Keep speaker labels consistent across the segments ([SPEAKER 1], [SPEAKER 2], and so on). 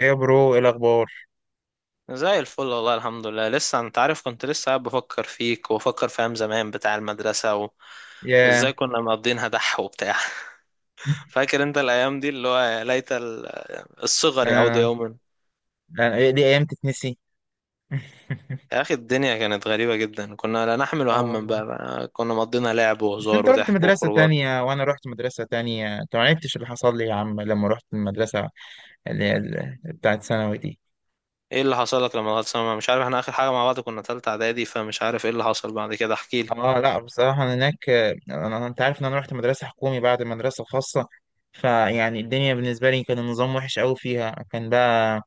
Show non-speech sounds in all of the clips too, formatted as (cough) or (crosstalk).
[SPEAKER 1] ايه يا برو، ايه الاخبار؟
[SPEAKER 2] زي الفل والله، الحمد لله. لسه، انت عارف، كنت لسه قاعد بفكر فيك وبفكر في ايام زمان بتاع المدرسة وازاي
[SPEAKER 1] يا
[SPEAKER 2] كنا مقضينها دح وبتاع (laughs) فاكر انت الايام دي اللي هو الصغر يعود
[SPEAKER 1] انا
[SPEAKER 2] يوما.
[SPEAKER 1] إيه دي ايام تتنسي؟ (laughs)
[SPEAKER 2] يا اخي، الدنيا كانت غريبة جدا، كنا لا نحمل
[SPEAKER 1] اه،
[SPEAKER 2] هما،
[SPEAKER 1] والله.
[SPEAKER 2] بقى كنا مقضينا لعب
[SPEAKER 1] بس
[SPEAKER 2] وهزار
[SPEAKER 1] انت رحت
[SPEAKER 2] وضحك
[SPEAKER 1] مدرسة
[SPEAKER 2] وخروجات.
[SPEAKER 1] تانية وانا رحت مدرسة تانية، انت ما عرفتش اللي حصل لي يا عم لما رحت المدرسة اللي هي بتاعت ثانوي دي.
[SPEAKER 2] ايه اللي حصل لك لما دخلت ثانوي؟ مش عارف، احنا اخر حاجة مع بعض كنا تالتة اعدادي، فمش عارف ايه اللي حصل بعد كده. احكيلي.
[SPEAKER 1] اه، لا، بصراحة انا هناك، انا انت عارف ان انا رحت مدرسة حكومي بعد مدرسة خاصة. فيعني الدنيا بالنسبة لي كان النظام وحش قوي فيها، كان بقى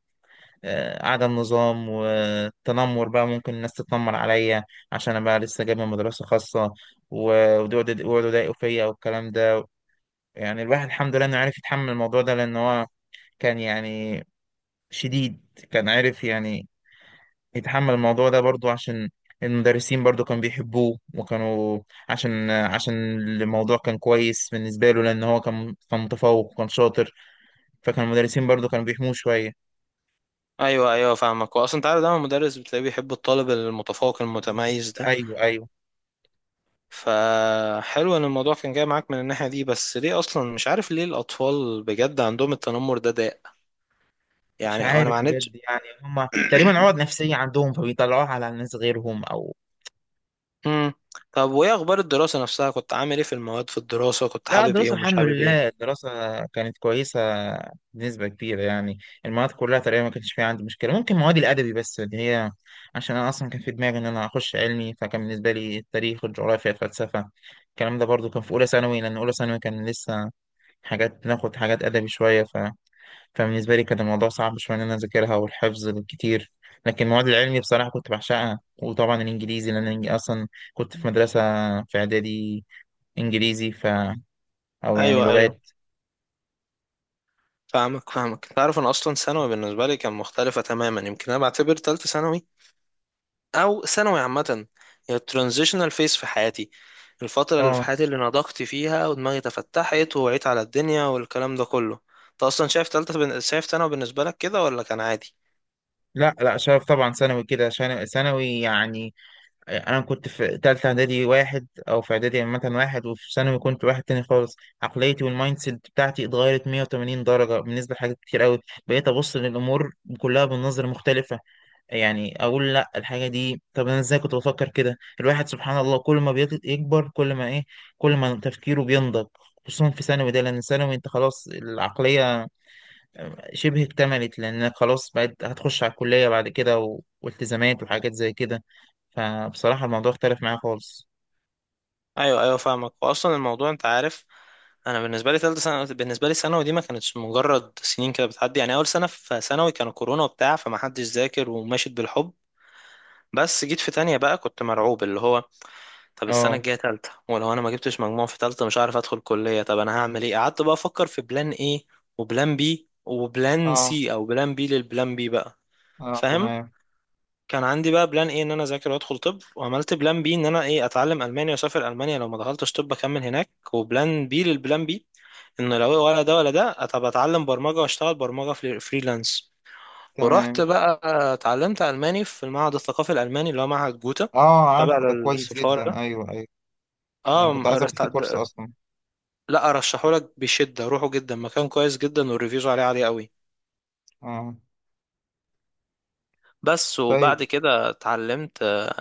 [SPEAKER 1] عدم نظام، والتنمر بقى ممكن الناس تتنمر عليا عشان انا بقى لسه جاي من مدرسة خاصة. ويقعدوا يضايقوا فيا والكلام ده. يعني الواحد الحمد لله انه عرف يتحمل الموضوع ده لان هو كان يعني شديد، كان عارف يعني يتحمل الموضوع ده برضو عشان المدرسين برضو كانوا بيحبوه، وكانوا عشان الموضوع كان كويس بالنسبة له، لأن هو كان متفوق وكان شاطر. فكان المدرسين برضو كانوا بيحموه شوية.
[SPEAKER 2] ايوه ايوه، فاهمك. واصلا انت عارف دايما المدرس بتلاقيه بيحب الطالب المتفوق
[SPEAKER 1] بالظبط.
[SPEAKER 2] المتميز ده.
[SPEAKER 1] أيوه، أيوه.
[SPEAKER 2] فحلو ان الموضوع كان جاي معاك من الناحية دي. بس ليه اصلا، مش عارف ليه الاطفال بجد عندهم التنمر ده داء؟
[SPEAKER 1] مش
[SPEAKER 2] يعني انا ما
[SPEAKER 1] عارف
[SPEAKER 2] عانيتش.
[SPEAKER 1] بجد، يعني هم تقريبا عقد نفسية عندهم فبيطلعوها على الناس غيرهم أو...
[SPEAKER 2] امم. طب وايه اخبار الدراسة نفسها؟ كنت عامل ايه في المواد؟ في الدراسة كنت
[SPEAKER 1] لا،
[SPEAKER 2] حابب ايه
[SPEAKER 1] الدراسة
[SPEAKER 2] ومش
[SPEAKER 1] الحمد
[SPEAKER 2] حابب ايه؟
[SPEAKER 1] لله، الدراسة كانت كويسة بنسبة كبيرة يعني. المواد كلها تقريبا ما كانش فيها عندي مشكلة، ممكن مواد الأدبي بس اللي هي، عشان أنا أصلا كان في دماغي إن أنا أخش علمي، فكان بالنسبة لي التاريخ والجغرافيا الفلسفة الكلام ده برضو كان في أولى ثانوي، لأن أولى ثانوي كان لسه حاجات ناخد حاجات أدبي شوية، فبالنسبة لي كان الموضوع صعب شوية إن أنا أذاكرها والحفظ الكتير. لكن المواد العلمي بصراحة كنت بعشقها، وطبعا الإنجليزي لأن أنا أصلا كنت في مدرسة في إعدادي إنجليزي، أو يعني
[SPEAKER 2] ايوه ايوه،
[SPEAKER 1] لغات.
[SPEAKER 2] فاهمك. تعرف انا اصلا ثانوي بالنسبة لي كان مختلفة تماما. يمكن انا بعتبر تالتة ثانوي او ثانوي عامه هي الترانزيشنال فيس في حياتي، الفتره اللي في
[SPEAKER 1] آه،
[SPEAKER 2] حياتي اللي نضجت فيها ودماغي تفتحت ووعيت على الدنيا والكلام ده كله. انت اصلا شايف شايف ثانوي بالنسبه لك كده ولا كان عادي؟
[SPEAKER 1] لا لا، شايف طبعا ثانوي كده، عشان ثانوي يعني أنا كنت في تالتة إعدادي واحد، أو في إعدادي عامة واحد، وفي ثانوي كنت واحد تاني خالص. عقليتي والمايند سيت بتاعتي اتغيرت 180 درجة بالنسبة لحاجات كتير أوي. بقيت أبص للأمور كلها بالنظرة مختلفة، يعني اقول لا الحاجه دي، طب انا ازاي كنت بفكر كده؟ الواحد سبحان الله كل ما بيكبر كل ما ايه، كل ما تفكيره بينضج. خصوصا في ثانوي ده، لان ثانوي انت خلاص العقليه شبه اكتملت، لانك خلاص بقيت هتخش على الكليه بعد كده والتزامات وحاجات زي كده. فبصراحه الموضوع اختلف معايا خالص.
[SPEAKER 2] ايوه ايوه فاهمك. واصلا الموضوع، انت عارف، انا بالنسبه لي ثالثه ثانوي، بالنسبه لي ثانوي دي ما كانتش مجرد سنين كده بتعدي. يعني اول سنه في ثانوي كان كورونا وبتاع، فما حدش ذاكر وماشيت بالحب. بس جيت في تانية بقى كنت مرعوب، اللي هو طب السنة
[SPEAKER 1] اه،
[SPEAKER 2] الجاية تالتة، ولو أنا ما جبتش مجموع في تالتة مش عارف أدخل كلية طب، أنا هعمل إيه؟ قعدت بقى أفكر في بلان إيه وبلان بي وبلان
[SPEAKER 1] اه،
[SPEAKER 2] سي، أو بلان بي للبلان بي بقى.
[SPEAKER 1] اه،
[SPEAKER 2] فاهم.
[SPEAKER 1] تمام.
[SPEAKER 2] كان عندي بقى بلان إيه إن أنا أذاكر وأدخل طب، وعملت بلان بي إن أنا إيه أتعلم ألمانيا وأسافر ألمانيا لو ما دخلتش طب أكمل هناك، وبلان بي للبلان بي إنه لو ولا ده ولا ده طب أتعلم برمجة وأشتغل برمجة في فريلانس. ورحت
[SPEAKER 1] تمام.
[SPEAKER 2] بقى اتعلمت ألماني في المعهد الثقافي الألماني اللي هو معهد جوتا،
[SPEAKER 1] اه،
[SPEAKER 2] تبع
[SPEAKER 1] عارفه ده كويس
[SPEAKER 2] للسفارة ده.
[SPEAKER 1] جدا، ايوه، ايوه. انا كنت عايز اخد فيه كورس
[SPEAKER 2] اه
[SPEAKER 1] اصلا.
[SPEAKER 2] لا، ارشحهولك بشده، روحه، جدا مكان كويس جدا والريفيوز عليه عاليه قوي.
[SPEAKER 1] اه.
[SPEAKER 2] بس
[SPEAKER 1] طيب.
[SPEAKER 2] وبعد كده اتعلمت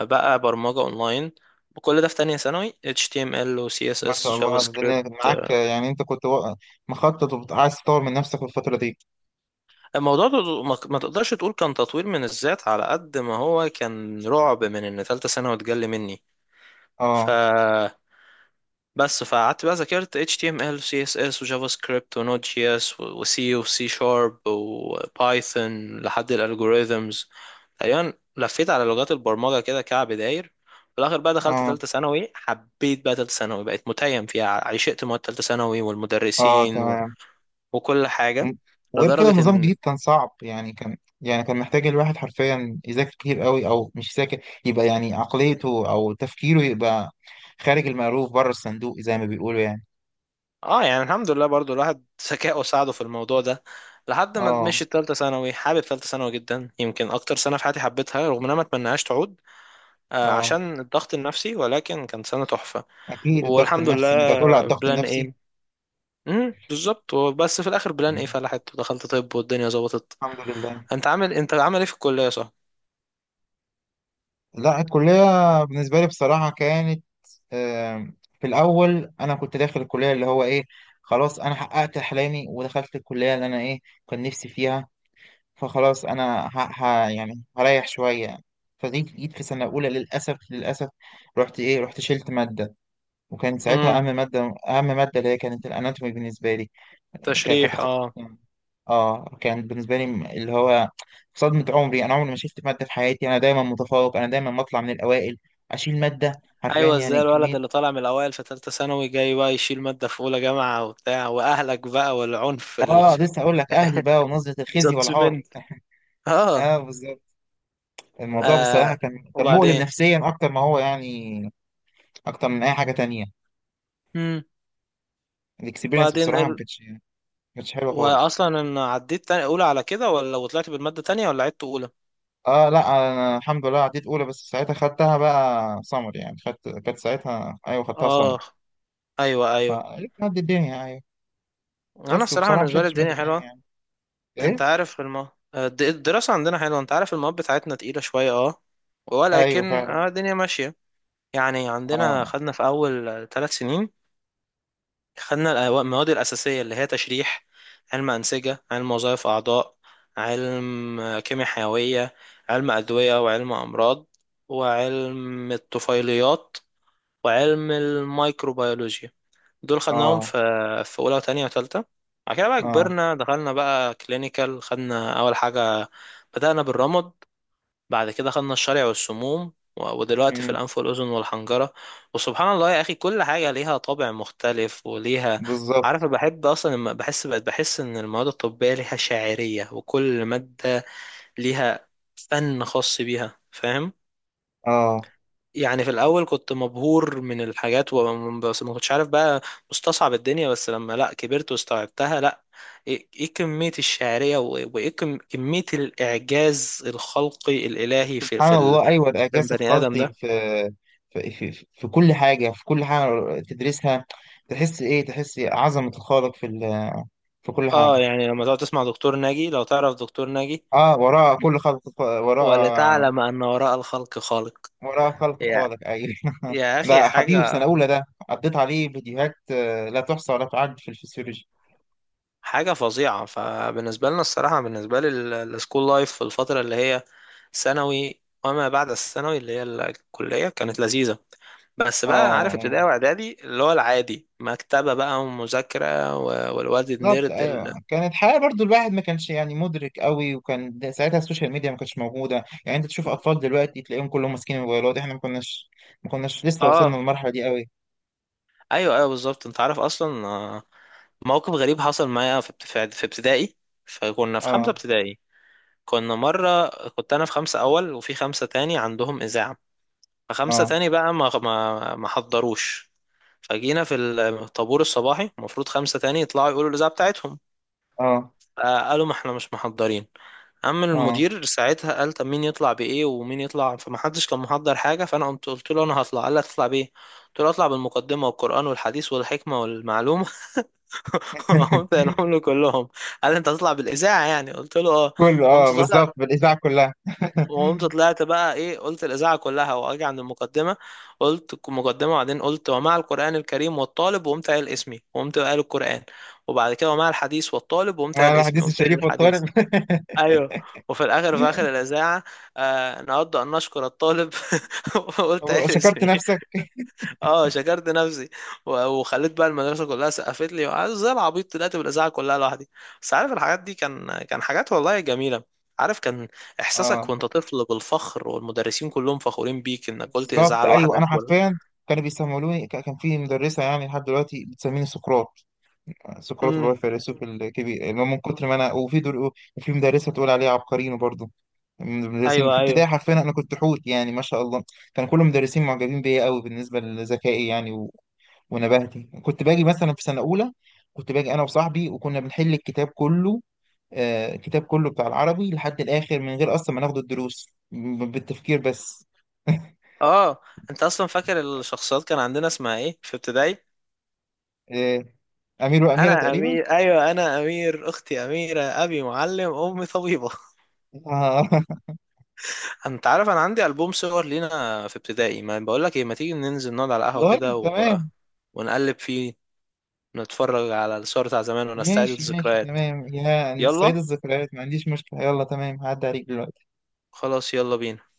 [SPEAKER 2] بقى برمجه اونلاين. وكل ده في تانية ثانوي: HTML و
[SPEAKER 1] ما شاء
[SPEAKER 2] CSS جافا
[SPEAKER 1] الله،
[SPEAKER 2] سكريبت.
[SPEAKER 1] الدنيا معاك،
[SPEAKER 2] آه،
[SPEAKER 1] يعني انت كنت مخطط وعايز تطور من نفسك في الفترة دي.
[SPEAKER 2] الموضوع ده ما تقدرش تقول كان تطوير من الذات على قد ما هو كان رعب من ان تالتة ثانوي اتجلى مني. ف
[SPEAKER 1] اه.
[SPEAKER 2] بس فقعدت بقى ذاكرت HTML و CSS و JavaScript و Node.js و C و C Sharp و Python لحد الالجوريزمز. تقريبا لفيت على لغات البرمجة كده كعب داير. في الآخر بقى دخلت
[SPEAKER 1] اه،
[SPEAKER 2] تالتة ثانوي، حبيت بقى تالتة ثانوي، بقيت متيم فيها، عشقت مواد تالتة ثانوي
[SPEAKER 1] اه،
[SPEAKER 2] والمدرسين
[SPEAKER 1] تمام.
[SPEAKER 2] وكل
[SPEAKER 1] م-
[SPEAKER 2] حاجة.
[SPEAKER 1] وغير كده
[SPEAKER 2] لدرجة
[SPEAKER 1] النظام
[SPEAKER 2] إن
[SPEAKER 1] الجديد كان صعب، يعني كان يعني كان محتاج الواحد حرفيا يذاكر كتير قوي، او مش يذاكر يبقى يعني عقليته او تفكيره يبقى خارج المألوف، بره الصندوق زي ما بيقولوا يعني.
[SPEAKER 2] آه، يعني الحمد لله برضو الواحد ذكائه ساعده في الموضوع ده. لحد ما
[SPEAKER 1] اه.
[SPEAKER 2] مشيت تالتة ثانوي، حابب تالتة ثانوي جدا، يمكن أكتر سنة في حياتي حبيتها رغم إن أنا ما أتمناهاش تعود.
[SPEAKER 1] اه،
[SPEAKER 2] عشان الضغط النفسي، ولكن كانت سنة تحفة.
[SPEAKER 1] اكيد الضغط
[SPEAKER 2] والحمد
[SPEAKER 1] النفسي، انت هتقول على
[SPEAKER 2] لله.
[SPEAKER 1] الضغط
[SPEAKER 2] بلان
[SPEAKER 1] النفسي.
[SPEAKER 2] ايه. امم، بالظبط. بس في الاخر بلان ايه فلحت ودخلت طب والدنيا ظبطت.
[SPEAKER 1] الحمد لله.
[SPEAKER 2] انت عامل، انت عامل ايه في الكلية؟ صح.
[SPEAKER 1] لا، الكلية بالنسبة لي بصراحة كانت في الأول أنا كنت داخل الكلية اللي هو إيه، خلاص أنا حققت أحلامي ودخلت الكلية اللي أنا إيه كان نفسي فيها. فخلاص أنا يعني هريح شوية. فجيت في سنة أولى، للأسف، للأسف رحت إيه، رحت شلت مادة. وكان ساعتها
[SPEAKER 2] امم.
[SPEAKER 1] أهم مادة، أهم مادة اللي هي كانت الأناتومي بالنسبة لي
[SPEAKER 2] تشريح،
[SPEAKER 1] كتخصص
[SPEAKER 2] اه.
[SPEAKER 1] يعني. آه، كان بالنسبة لي اللي هو صدمة عمري، أنا عمري ما شلت مادة في حياتي، أنا دايما متفوق، أنا دايما بطلع من الأوائل. أشيل مادة حرفيا،
[SPEAKER 2] ايوه، ازاي
[SPEAKER 1] يعني
[SPEAKER 2] الولد اللي
[SPEAKER 1] كمية...
[SPEAKER 2] طالع من الاوائل في ثالثه ثانوي جاي بقى يشيل ماده في اولى جامعه وبتاع واهلك بقى والعنف؟
[SPEAKER 1] اه، لسه هقول لك اهلي بقى ونظره الخزي والعار.
[SPEAKER 2] الجادجمنت. (laughs) اه.
[SPEAKER 1] اه، بالظبط. الموضوع بصراحه
[SPEAKER 2] آه،
[SPEAKER 1] كان مؤلم
[SPEAKER 2] وبعدين.
[SPEAKER 1] نفسيا اكتر ما هو يعني، اكتر من اي حاجه تانية.
[SPEAKER 2] امم.
[SPEAKER 1] الاكسبيرينس
[SPEAKER 2] بعدين
[SPEAKER 1] بصراحه ما
[SPEAKER 2] ال...
[SPEAKER 1] كانتش ما كانتش حلوه خالص.
[SPEAKER 2] واصلا ان عديت تاني اولى على كده، ولا وطلعت بالماده تانية، ولا عدت اولى؟
[SPEAKER 1] اه، لا، انا الحمد لله عديت اولى، بس ساعتها خدتها بقى سمر يعني، خدت كانت ساعتها، ايوه خدتها سمر.
[SPEAKER 2] اه ايوه ايوه.
[SPEAKER 1] فعدت الدنيا، ايوه.
[SPEAKER 2] انا
[SPEAKER 1] بس
[SPEAKER 2] الصراحه
[SPEAKER 1] وبصراحه ما
[SPEAKER 2] بالنسبه لي
[SPEAKER 1] شدتش ماده
[SPEAKER 2] الدنيا
[SPEAKER 1] تانية
[SPEAKER 2] حلوه.
[SPEAKER 1] يعني.
[SPEAKER 2] انت
[SPEAKER 1] ايه.
[SPEAKER 2] عارف الدراسه عندنا حلوه، انت عارف المواد بتاعتنا تقيله شويه. اه،
[SPEAKER 1] ايوه،
[SPEAKER 2] ولكن
[SPEAKER 1] فعلا.
[SPEAKER 2] الدنيا ماشيه. يعني عندنا
[SPEAKER 1] اه،
[SPEAKER 2] خدنا في اول ثلاث سنين، خدنا المواد الاساسيه اللي هي تشريح، علم انسجه، علم وظائف اعضاء، علم، كيمياء حيويه، علم ادويه، وعلم امراض، وعلم الطفيليات، وعلم الميكروبيولوجيا. دول خدناهم في
[SPEAKER 1] اه،
[SPEAKER 2] في اولى وتانية وتالتة. بعد كده بقى
[SPEAKER 1] اه،
[SPEAKER 2] كبرنا، دخلنا بقى كلينيكال، خدنا اول حاجة بدأنا بالرمد، بعد كده خدنا الشرع والسموم، ودلوقتي في
[SPEAKER 1] مم،
[SPEAKER 2] الانف والاذن والحنجرة. وسبحان الله يا اخي، كل حاجة ليها طابع مختلف وليها. عارف
[SPEAKER 1] بالظبط.
[SPEAKER 2] أنا بحب اصلا لما بحس، بحس ان المواد الطبية ليها شاعرية، وكل مادة ليها فن خاص بيها. فاهم.
[SPEAKER 1] اه،
[SPEAKER 2] يعني في الاول كنت مبهور من الحاجات، بس ما كنتش عارف بقى، مستصعب الدنيا. بس لما لا كبرت واستوعبتها، لا، ايه إيه كمية الشعرية كمية الاعجاز الخلقي الالهي في
[SPEAKER 1] سبحان الله، ايوه
[SPEAKER 2] في
[SPEAKER 1] الاعجاز
[SPEAKER 2] البني ادم
[SPEAKER 1] الخلقي
[SPEAKER 2] ده.
[SPEAKER 1] في في كل حاجه، في كل حاجه تدرسها تحس ايه، تحس عظمه الخالق في كل
[SPEAKER 2] اه،
[SPEAKER 1] حاجه.
[SPEAKER 2] يعني لما تقعد تسمع دكتور ناجي، لو تعرف دكتور ناجي،
[SPEAKER 1] اه، وراء كل خلق، وراء
[SPEAKER 2] ولتعلم ان وراء الخلق خالق.
[SPEAKER 1] وراء خلق
[SPEAKER 2] يا
[SPEAKER 1] خالق، ايوه.
[SPEAKER 2] يا
[SPEAKER 1] (laughs)
[SPEAKER 2] اخي
[SPEAKER 1] ده حبيبي في
[SPEAKER 2] حاجة
[SPEAKER 1] سنه اولى، ده قضيت عليه فيديوهات لا تحصى ولا تعد في الفسيولوجي.
[SPEAKER 2] حاجة فظيعة. فبالنسبة لنا، الصراحة بالنسبة لي، السكول لايف في الفترة اللي هي ثانوي وما بعد الثانوي اللي هي الكلية كانت لذيذة. بس بقى عارف
[SPEAKER 1] اه،
[SPEAKER 2] ابتدائي واعدادي اللي هو العادي، مكتبة بقى ومذاكرة، والواد
[SPEAKER 1] بالظبط،
[SPEAKER 2] النيرد
[SPEAKER 1] ايوه كانت حياه برضو الواحد ما كانش يعني مدرك قوي، وكان ساعتها السوشيال ميديا ما كانتش موجوده، يعني انت تشوف اطفال دلوقتي تلاقيهم كلهم ماسكين الموبايلات، احنا ما كناش لسه وصلنا
[SPEAKER 2] اه.
[SPEAKER 1] للمرحله دي قوي.
[SPEAKER 2] ايوه ايوه بالظبط. انت عارف اصلا موقف غريب حصل معايا في في ابتدائي. فكنا في خمسة
[SPEAKER 1] اه،
[SPEAKER 2] ابتدائي. كنا مرة، كنت انا في خمسة اول، وفي خمسة تاني عندهم اذاعة، فخمسة
[SPEAKER 1] اه،
[SPEAKER 2] تاني بقى ما حضروش. فجينا في الطابور الصباحي، المفروض خمسة تاني يطلعوا يقولوا الإذاعة بتاعتهم.
[SPEAKER 1] اه،
[SPEAKER 2] قالوا ما احنا مش محضرين. قام
[SPEAKER 1] اه.
[SPEAKER 2] المدير ساعتها قال طب مين يطلع بإيه ومين يطلع، فما حدش كان محضر حاجة. فأنا قمت قلت له أنا هطلع. قال لي هتطلع بإيه؟ قلت له أطلع بالمقدمة والقرآن والحديث والحكمة والمعلومة. (laughs) قمت
[SPEAKER 1] (laughs)
[SPEAKER 2] قايلهم له كلهم. قال لي أنت هتطلع بالإذاعة يعني؟ قلت له أه.
[SPEAKER 1] كله، اه،
[SPEAKER 2] قمت طالع.
[SPEAKER 1] بالظبط، بالاذاعه كلها.
[SPEAKER 2] وقمت
[SPEAKER 1] (laughs)
[SPEAKER 2] طلعت بقى ايه، قلت الاذاعه كلها. واجي عند المقدمه، قلت المقدمه. وبعدين قلت ومع القران الكريم والطالب، وقمت قايل اسمي وقمت قايل القران. وبعد كده ومع الحديث والطالب، وقمت قايل
[SPEAKER 1] مع
[SPEAKER 2] اسمي
[SPEAKER 1] الحديث
[SPEAKER 2] وقمت قايل
[SPEAKER 1] الشريف والطارئ.
[SPEAKER 2] الحديث.
[SPEAKER 1] (laughs)
[SPEAKER 2] ايوه. وفي الاخر في اخر الاذاعه، آه نود ان نشكر الطالب (laughs) وقلت قايل
[SPEAKER 1] شكرت
[SPEAKER 2] اسمي.
[SPEAKER 1] نفسك.
[SPEAKER 2] اه شكرت نفسي. وخليت بقى المدرسه كلها سقفت لي، وقعدت زي العبيط طلعت بالاذاعه كلها لوحدي. بس عارف، الحاجات دي كان حاجات والله جميله. عارف، كان احساسك
[SPEAKER 1] اه،
[SPEAKER 2] وانت طفل بالفخر والمدرسين كلهم فخورين بيك انك قلت
[SPEAKER 1] بالظبط،
[SPEAKER 2] اذاعه
[SPEAKER 1] ايوه انا
[SPEAKER 2] لوحدك ولا.
[SPEAKER 1] حرفيا كانوا بيسمولوني، كان في مدرسه يعني لحد دلوقتي بتسميني سقراط. سقراط اللي هو
[SPEAKER 2] امم،
[SPEAKER 1] الفيلسوف الكبير، اللي هو من كتر ما انا، وفي دول وفي مدرسه تقول عليه عبقريين برضه، من المدرسين
[SPEAKER 2] ايوه
[SPEAKER 1] في ابتدائي
[SPEAKER 2] ايوه،
[SPEAKER 1] حرفيا انا كنت حوت يعني ما شاء الله. كان كل المدرسين معجبين بيا قوي بالنسبه لذكائي يعني ونباهتي. كنت باجي مثلا في سنة أولى، كنت باجي أنا وصاحبي وكنا بنحل الكتاب كله، آه الكتاب كله بتاع العربي لحد الآخر من غير أصلا ما ناخد الدروس، بالتفكير بس.
[SPEAKER 2] اه. انت اصلا فاكر الشخصيات كان عندنا اسمها ايه في ابتدائي؟
[SPEAKER 1] آه، أمير وأميرة
[SPEAKER 2] انا
[SPEAKER 1] تقريبا.
[SPEAKER 2] امير، ايوه انا امير، اختي اميره، ابي معلم، امي طبيبه.
[SPEAKER 1] آه. (laughs)
[SPEAKER 2] (laughs) انت عارف انا عندي البوم صور لينا في ابتدائي، ما بقول لك ايه ما تيجي ننزل نقعد على القهوه
[SPEAKER 1] والله
[SPEAKER 2] كده
[SPEAKER 1] تمام.
[SPEAKER 2] ونقلب فيه، نتفرج على الصور بتاع زمان ونستعيد
[SPEAKER 1] ماشي ماشي
[SPEAKER 2] الذكريات.
[SPEAKER 1] تمام، يا
[SPEAKER 2] يلا،
[SPEAKER 1] نستعيد الذكريات ما عنديش مشكلة. يلا تمام، هعدي عليك دلوقتي.
[SPEAKER 2] خلاص يلا بينا.